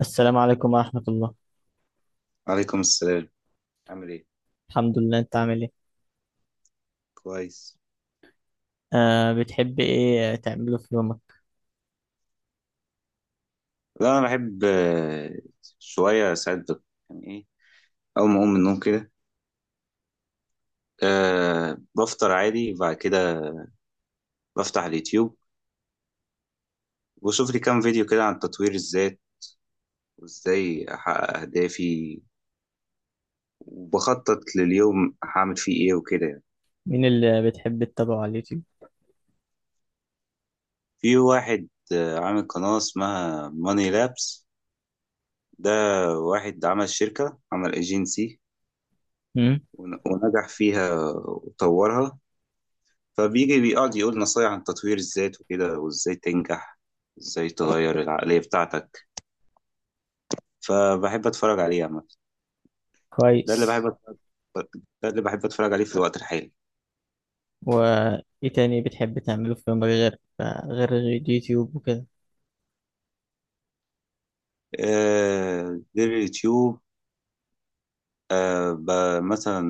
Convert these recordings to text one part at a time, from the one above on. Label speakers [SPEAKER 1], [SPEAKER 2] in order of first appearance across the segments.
[SPEAKER 1] السلام عليكم ورحمة الله.
[SPEAKER 2] عليكم السلام. عامل ايه؟
[SPEAKER 1] الحمد لله، انت عامل ايه؟
[SPEAKER 2] كويس.
[SPEAKER 1] آه، بتحب ايه تعمله في يومك؟
[SPEAKER 2] لا انا بحب، شويه ساعات يعني ايه. اول ما اقوم من النوم كده بفطر عادي، وبعد كده بفتح اليوتيوب وبشوف لي كام فيديو كده عن تطوير الذات، وازاي احقق اهدافي، وبخطط لليوم هعمل فيه ايه وكده يعني.
[SPEAKER 1] مين اللي بتحب تتابعه على اليوتيوب؟
[SPEAKER 2] في واحد، عامل قناه اسمها ماني لابس. ده واحد عمل شركه، عمل ايجنسي
[SPEAKER 1] امم،
[SPEAKER 2] ونجح فيها وطورها، فبيجي بيقعد يقول نصايح عن تطوير الذات وكده، وازاي تنجح، ازاي تغير العقلية بتاعتك. فبحب اتفرج عليه عامة. ده اللي بحب
[SPEAKER 1] كويس.
[SPEAKER 2] أتفرج، ده اللي بحب اتفرج عليه في الوقت الحالي.
[SPEAKER 1] وايه تاني بتحب تعمله في يومك غير اليوتيوب وكده؟
[SPEAKER 2] آه، غير اليوتيوب، مثلا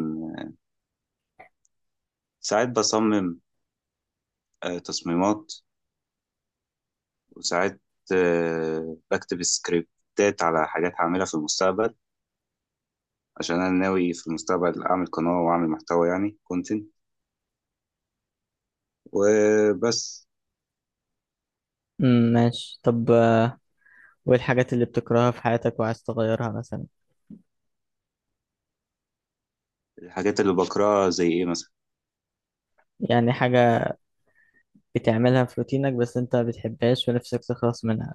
[SPEAKER 2] ساعات بصمم، تصميمات، وساعات، بكتب سكريبتات على حاجات هعملها في المستقبل، عشان انا ناوي في المستقبل اعمل قناة واعمل محتوى يعني كونتنت. وبس.
[SPEAKER 1] امم، ماشي. طب، وايه الحاجات اللي بتكرهها في حياتك وعايز تغيرها مثلا؟
[SPEAKER 2] الحاجات اللي بقراها زي ايه مثلا؟
[SPEAKER 1] يعني حاجة بتعملها في روتينك بس انت ما بتحبهاش ونفسك تخلص منها.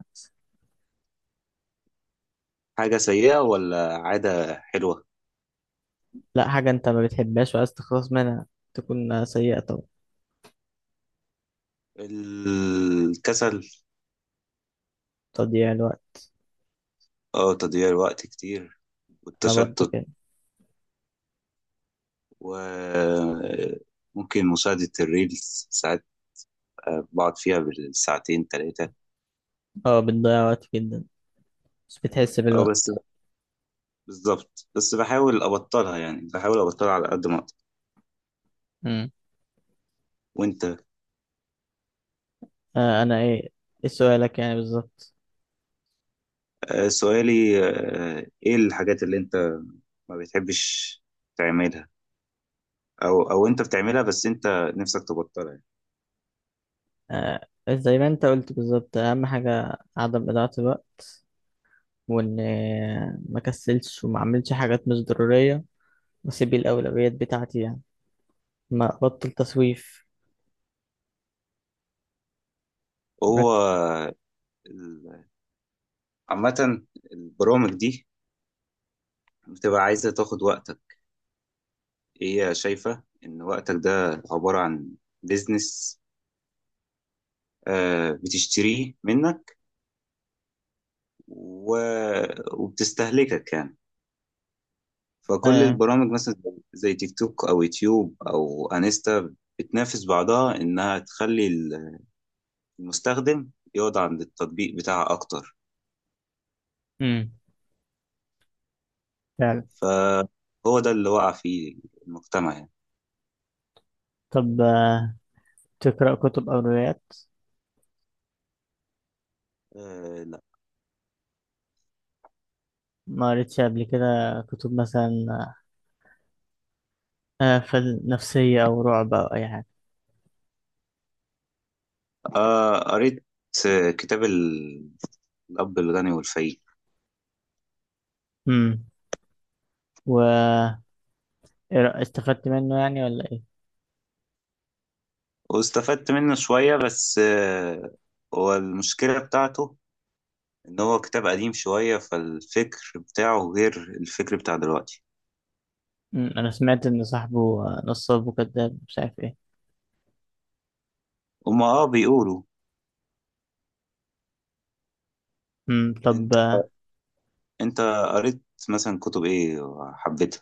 [SPEAKER 2] حاجة سيئة ولا عادة حلوة؟
[SPEAKER 1] لا، حاجة انت ما بتحبهاش وعايز تخلص منها، تكون سيئة طبعا.
[SPEAKER 2] الكسل.
[SPEAKER 1] تضييع الوقت.
[SPEAKER 2] اه، تضييع الوقت كتير،
[SPEAKER 1] انا برضو
[SPEAKER 2] والتشتت،
[SPEAKER 1] كده.
[SPEAKER 2] وممكن مشاهدة الريلز. ساعات بقعد فيها بالساعتين تلاتة.
[SPEAKER 1] اه، بتضيع وقت جدا بس بتحس
[SPEAKER 2] اه بس،
[SPEAKER 1] بالوقت.
[SPEAKER 2] بالظبط، بس بحاول أبطلها، يعني بحاول أبطلها على قد ما أقدر.
[SPEAKER 1] امم.
[SPEAKER 2] وأنت؟
[SPEAKER 1] آه، انا ايه؟ ايه سؤالك يعني بالظبط؟
[SPEAKER 2] سؤالي، إيه الحاجات اللي أنت ما بتحبش تعملها، أو أنت بتعملها بس أنت نفسك تبطلها يعني.
[SPEAKER 1] آه، زي ما انت قلت بالظبط، اهم حاجة عدم إضاعة الوقت. وان، ما كسلش وما اعملش حاجات مش ضرورية، واسيب الاولويات بتاعتي يعني. ما ابطل تسويف. مرك...
[SPEAKER 2] هو ال- عامة البرامج دي بتبقى عايزة تاخد وقتك. هي شايفة إن وقتك ده عبارة عن بيزنس بتشتريه منك و... وبتستهلكك يعني. فكل
[SPEAKER 1] آه.
[SPEAKER 2] البرامج، مثلا زي تيك توك أو يوتيوب أو أنستا، بتنافس بعضها إنها تخلي المستخدم يقعد عند التطبيق بتاعها أكتر.
[SPEAKER 1] امم، فعلا.
[SPEAKER 2] فهو ده اللي وقع فيه المجتمع يعني.
[SPEAKER 1] طب، تقرأ كتب او روايات؟
[SPEAKER 2] لا.
[SPEAKER 1] ما قريتش قبل كده كتب مثلا نفسية او رعب او اي حاجة؟
[SPEAKER 2] قريت، كتاب الأب الغني والفقير.
[SPEAKER 1] امم. و إيه استفدت منه يعني ولا ايه؟
[SPEAKER 2] واستفدت منه شوية، بس، هو المشكلة بتاعته إن هو كتاب قديم شوية، فالفكر بتاعه غير الفكر بتاع دلوقتي.
[SPEAKER 1] انا سمعت ان صاحبه نصاب وكذاب مش عارف ايه.
[SPEAKER 2] هما اه بيقولوا.
[SPEAKER 1] طب،
[SPEAKER 2] انت، انت قريت مثلا كتب ايه وحبيتها؟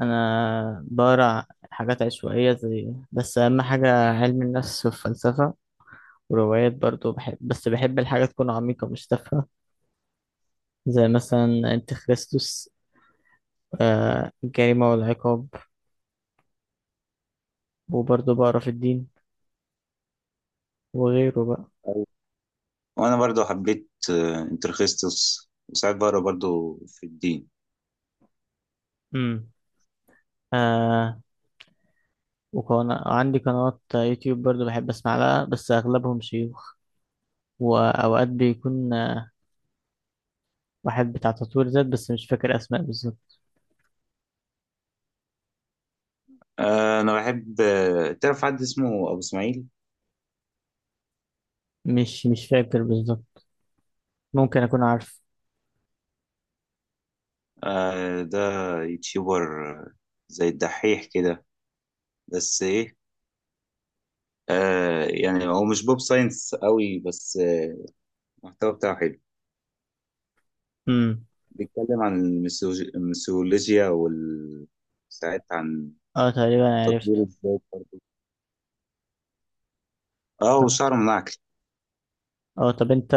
[SPEAKER 1] انا بقرا حاجات عشوائيه زي بس اهم حاجه علم النفس والفلسفه. وروايات برضو بحب، بس بحب الحاجه تكون عميقه مش تافهه. زي مثلا انت خريستوس، الجريمه والعقاب. وبرضو بقرا في الدين وغيره بقى.
[SPEAKER 2] أيوة. وانا برضو حبيت، انترخيستوس، وساعات بقرا برضو في الدين.
[SPEAKER 1] امم، آه. وكان عندي قنوات يوتيوب برضو بحب اسمع لها بس اغلبهم شيوخ. واوقات بيكون واحد بتاع تطوير ذات بس مش فاكر اسماء بالظبط.
[SPEAKER 2] انا بحب، تعرف حد اسمه ابو اسماعيل؟
[SPEAKER 1] مش فاكر بالظبط، ممكن اكون عارف.
[SPEAKER 2] ده يوتيوبر، زي الدحيح كده، بس ايه، آه يعني هو مش بوب ساينس قوي، بس، المحتوى بتاعه حلو.
[SPEAKER 1] امم،
[SPEAKER 2] بيتكلم عن الميثولوجيا وال ساعات عن
[SPEAKER 1] اه، تقريبا
[SPEAKER 2] تطوير
[SPEAKER 1] عرفت.
[SPEAKER 2] الذات برضه. اه
[SPEAKER 1] طب-
[SPEAKER 2] وشعر منعكس.
[SPEAKER 1] اه، طب انت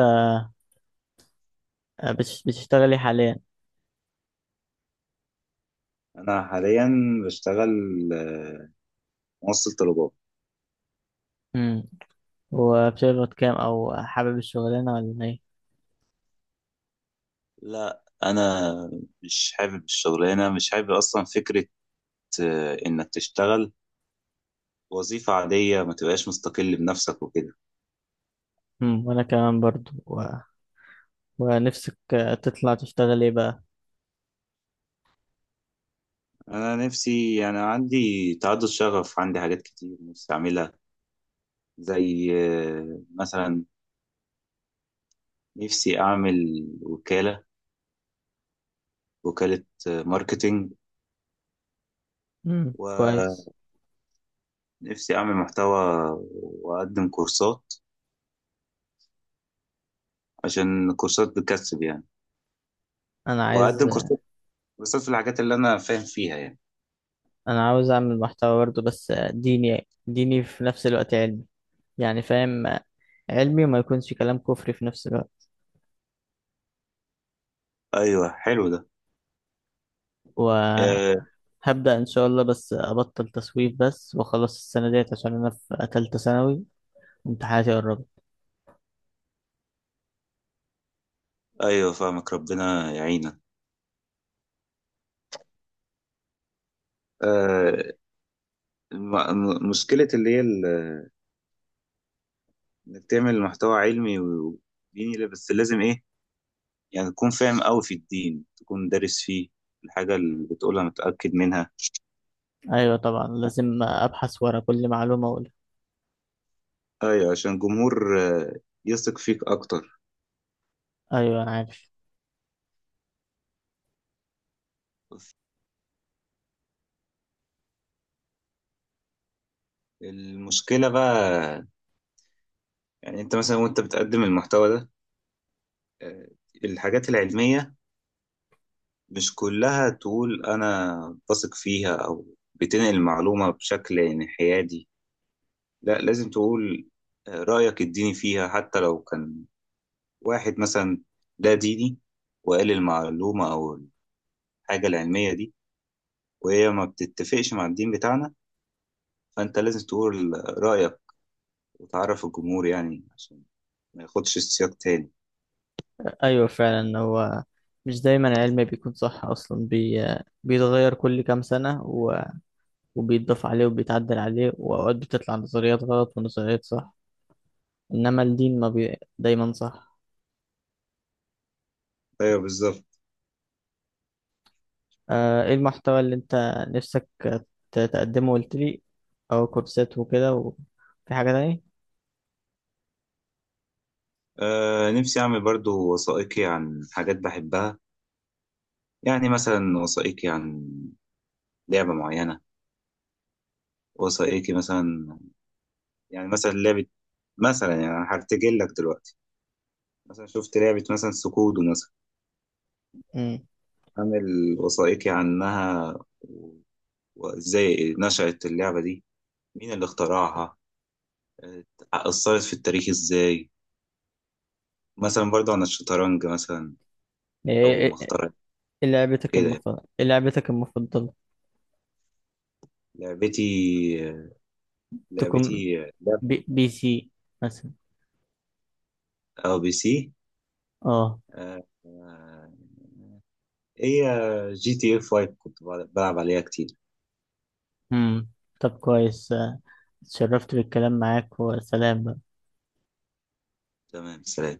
[SPEAKER 1] بتشتغلي حاليا؟
[SPEAKER 2] انا حاليا بشتغل، آه، موصل طلبات.
[SPEAKER 1] امم وبتقبض كام، او حابب الشغلانه ولا ايه؟
[SPEAKER 2] لا انا مش حابب الشغلانه، مش حابب اصلا فكره، انك تشتغل وظيفه عاديه ما تبقاش مستقل بنفسك وكده.
[SPEAKER 1] وانا كمان برضو، ونفسك تطلع تشتغل ايه بقى؟
[SPEAKER 2] انا نفسي، يعني عندي تعدد شغف، عندي حاجات كتير نفسي اعملها، زي مثلا نفسي أعمل وكالة، وكالة ماركتينج.
[SPEAKER 1] امم،
[SPEAKER 2] ونفسي
[SPEAKER 1] كويس.
[SPEAKER 2] أعمل محتوى وأقدم كورسات، عشان الكورسات بتكسب يعني.
[SPEAKER 1] انا
[SPEAKER 2] وأقدم
[SPEAKER 1] عايز
[SPEAKER 2] كورسات، كورسات في الحاجات اللي أنا فاهم فيها يعني.
[SPEAKER 1] انا عاوز اعمل محتوى برضو بس ديني ديني في نفس الوقت علمي. يعني فاهم، علمي وما يكونش كلام كفري في نفس الوقت.
[SPEAKER 2] أيوه حلو ده.
[SPEAKER 1] و
[SPEAKER 2] آه
[SPEAKER 1] هبدأ إن شاء الله، بس أبطل تسويف بس وأخلص السنة ديت عشان أنا في تالتة ثانوي. امتحاناتي قربت.
[SPEAKER 2] أيوه فاهمك، ربنا يعينك. آه مشكلة اللي هي إنك تعمل محتوى علمي وديني، لا، بس لازم إيه، يعني تكون فاهم أوي في الدين، تكون دارس فيه، الحاجة اللي بتقولها متأكد منها.
[SPEAKER 1] أيوة، طبعا لازم أبحث ورا كل معلومة أقولها.
[SPEAKER 2] ايوه عشان الجمهور، يثق فيك اكتر.
[SPEAKER 1] أيوة، أنا عارف.
[SPEAKER 2] المشكله بقى، يعني انت مثلا وانت بتقدم المحتوى ده، آه، الحاجات العلميه مش كلها تقول انا بثق فيها او بتنقل المعلومه بشكل انحيادي، لا لازم تقول رايك الديني فيها. حتى لو كان واحد مثلا لا ديني وقال المعلومه او الحاجه العلميه دي، وهي ما بتتفقش مع الدين بتاعنا، فانت لازم تقول رايك، وتعرف الجمهور يعني، عشان ما ياخدش السياق تاني.
[SPEAKER 1] أيوة فعلا، هو مش دايما العلم بيكون صح أصلا، بيتغير كل كام سنة، وبيتضاف عليه وبيتعدل عليه، وأوقات بتطلع نظريات غلط ونظريات صح. إنما الدين ما بي... دايما صح.
[SPEAKER 2] ايوه بالظبط.
[SPEAKER 1] إيه المحتوى اللي أنت نفسك تقدمه؟ قلت لي أو كورسات وكده، وفي حاجة تانية؟
[SPEAKER 2] آه نفسي اعمل برضو وثائقي عن حاجات بحبها. يعني مثلا وثائقي عن لعبة معينة، وثائقي مثلا، يعني مثلا لعبة، مثلا يعني أنا هرتجل لك دلوقتي، مثلا شفت لعبة مثلا سكودو مثلا،
[SPEAKER 1] امم
[SPEAKER 2] عامل وثائقي عنها، و- وازاي نشأت اللعبة دي، مين اللي اخترعها، آه، أثرت في التاريخ ازاي. مثلا برضو عن الشطرنج مثلا، أول
[SPEAKER 1] إيه
[SPEAKER 2] ما
[SPEAKER 1] إيه-
[SPEAKER 2] اخترعت كده يعني.
[SPEAKER 1] إيه لعبتك المفضلة؟
[SPEAKER 2] لعبتي
[SPEAKER 1] تكون
[SPEAKER 2] لعبتي لعب
[SPEAKER 1] PC مثلا؟
[SPEAKER 2] او بي سي.
[SPEAKER 1] اه،
[SPEAKER 2] آه، آه، هي جي تي اف 5، كنت بلعب عليها كتير.
[SPEAKER 1] امم، طب كويس، اتشرفت بالكلام معاك وسلام بقى.
[SPEAKER 2] تمام، سلام.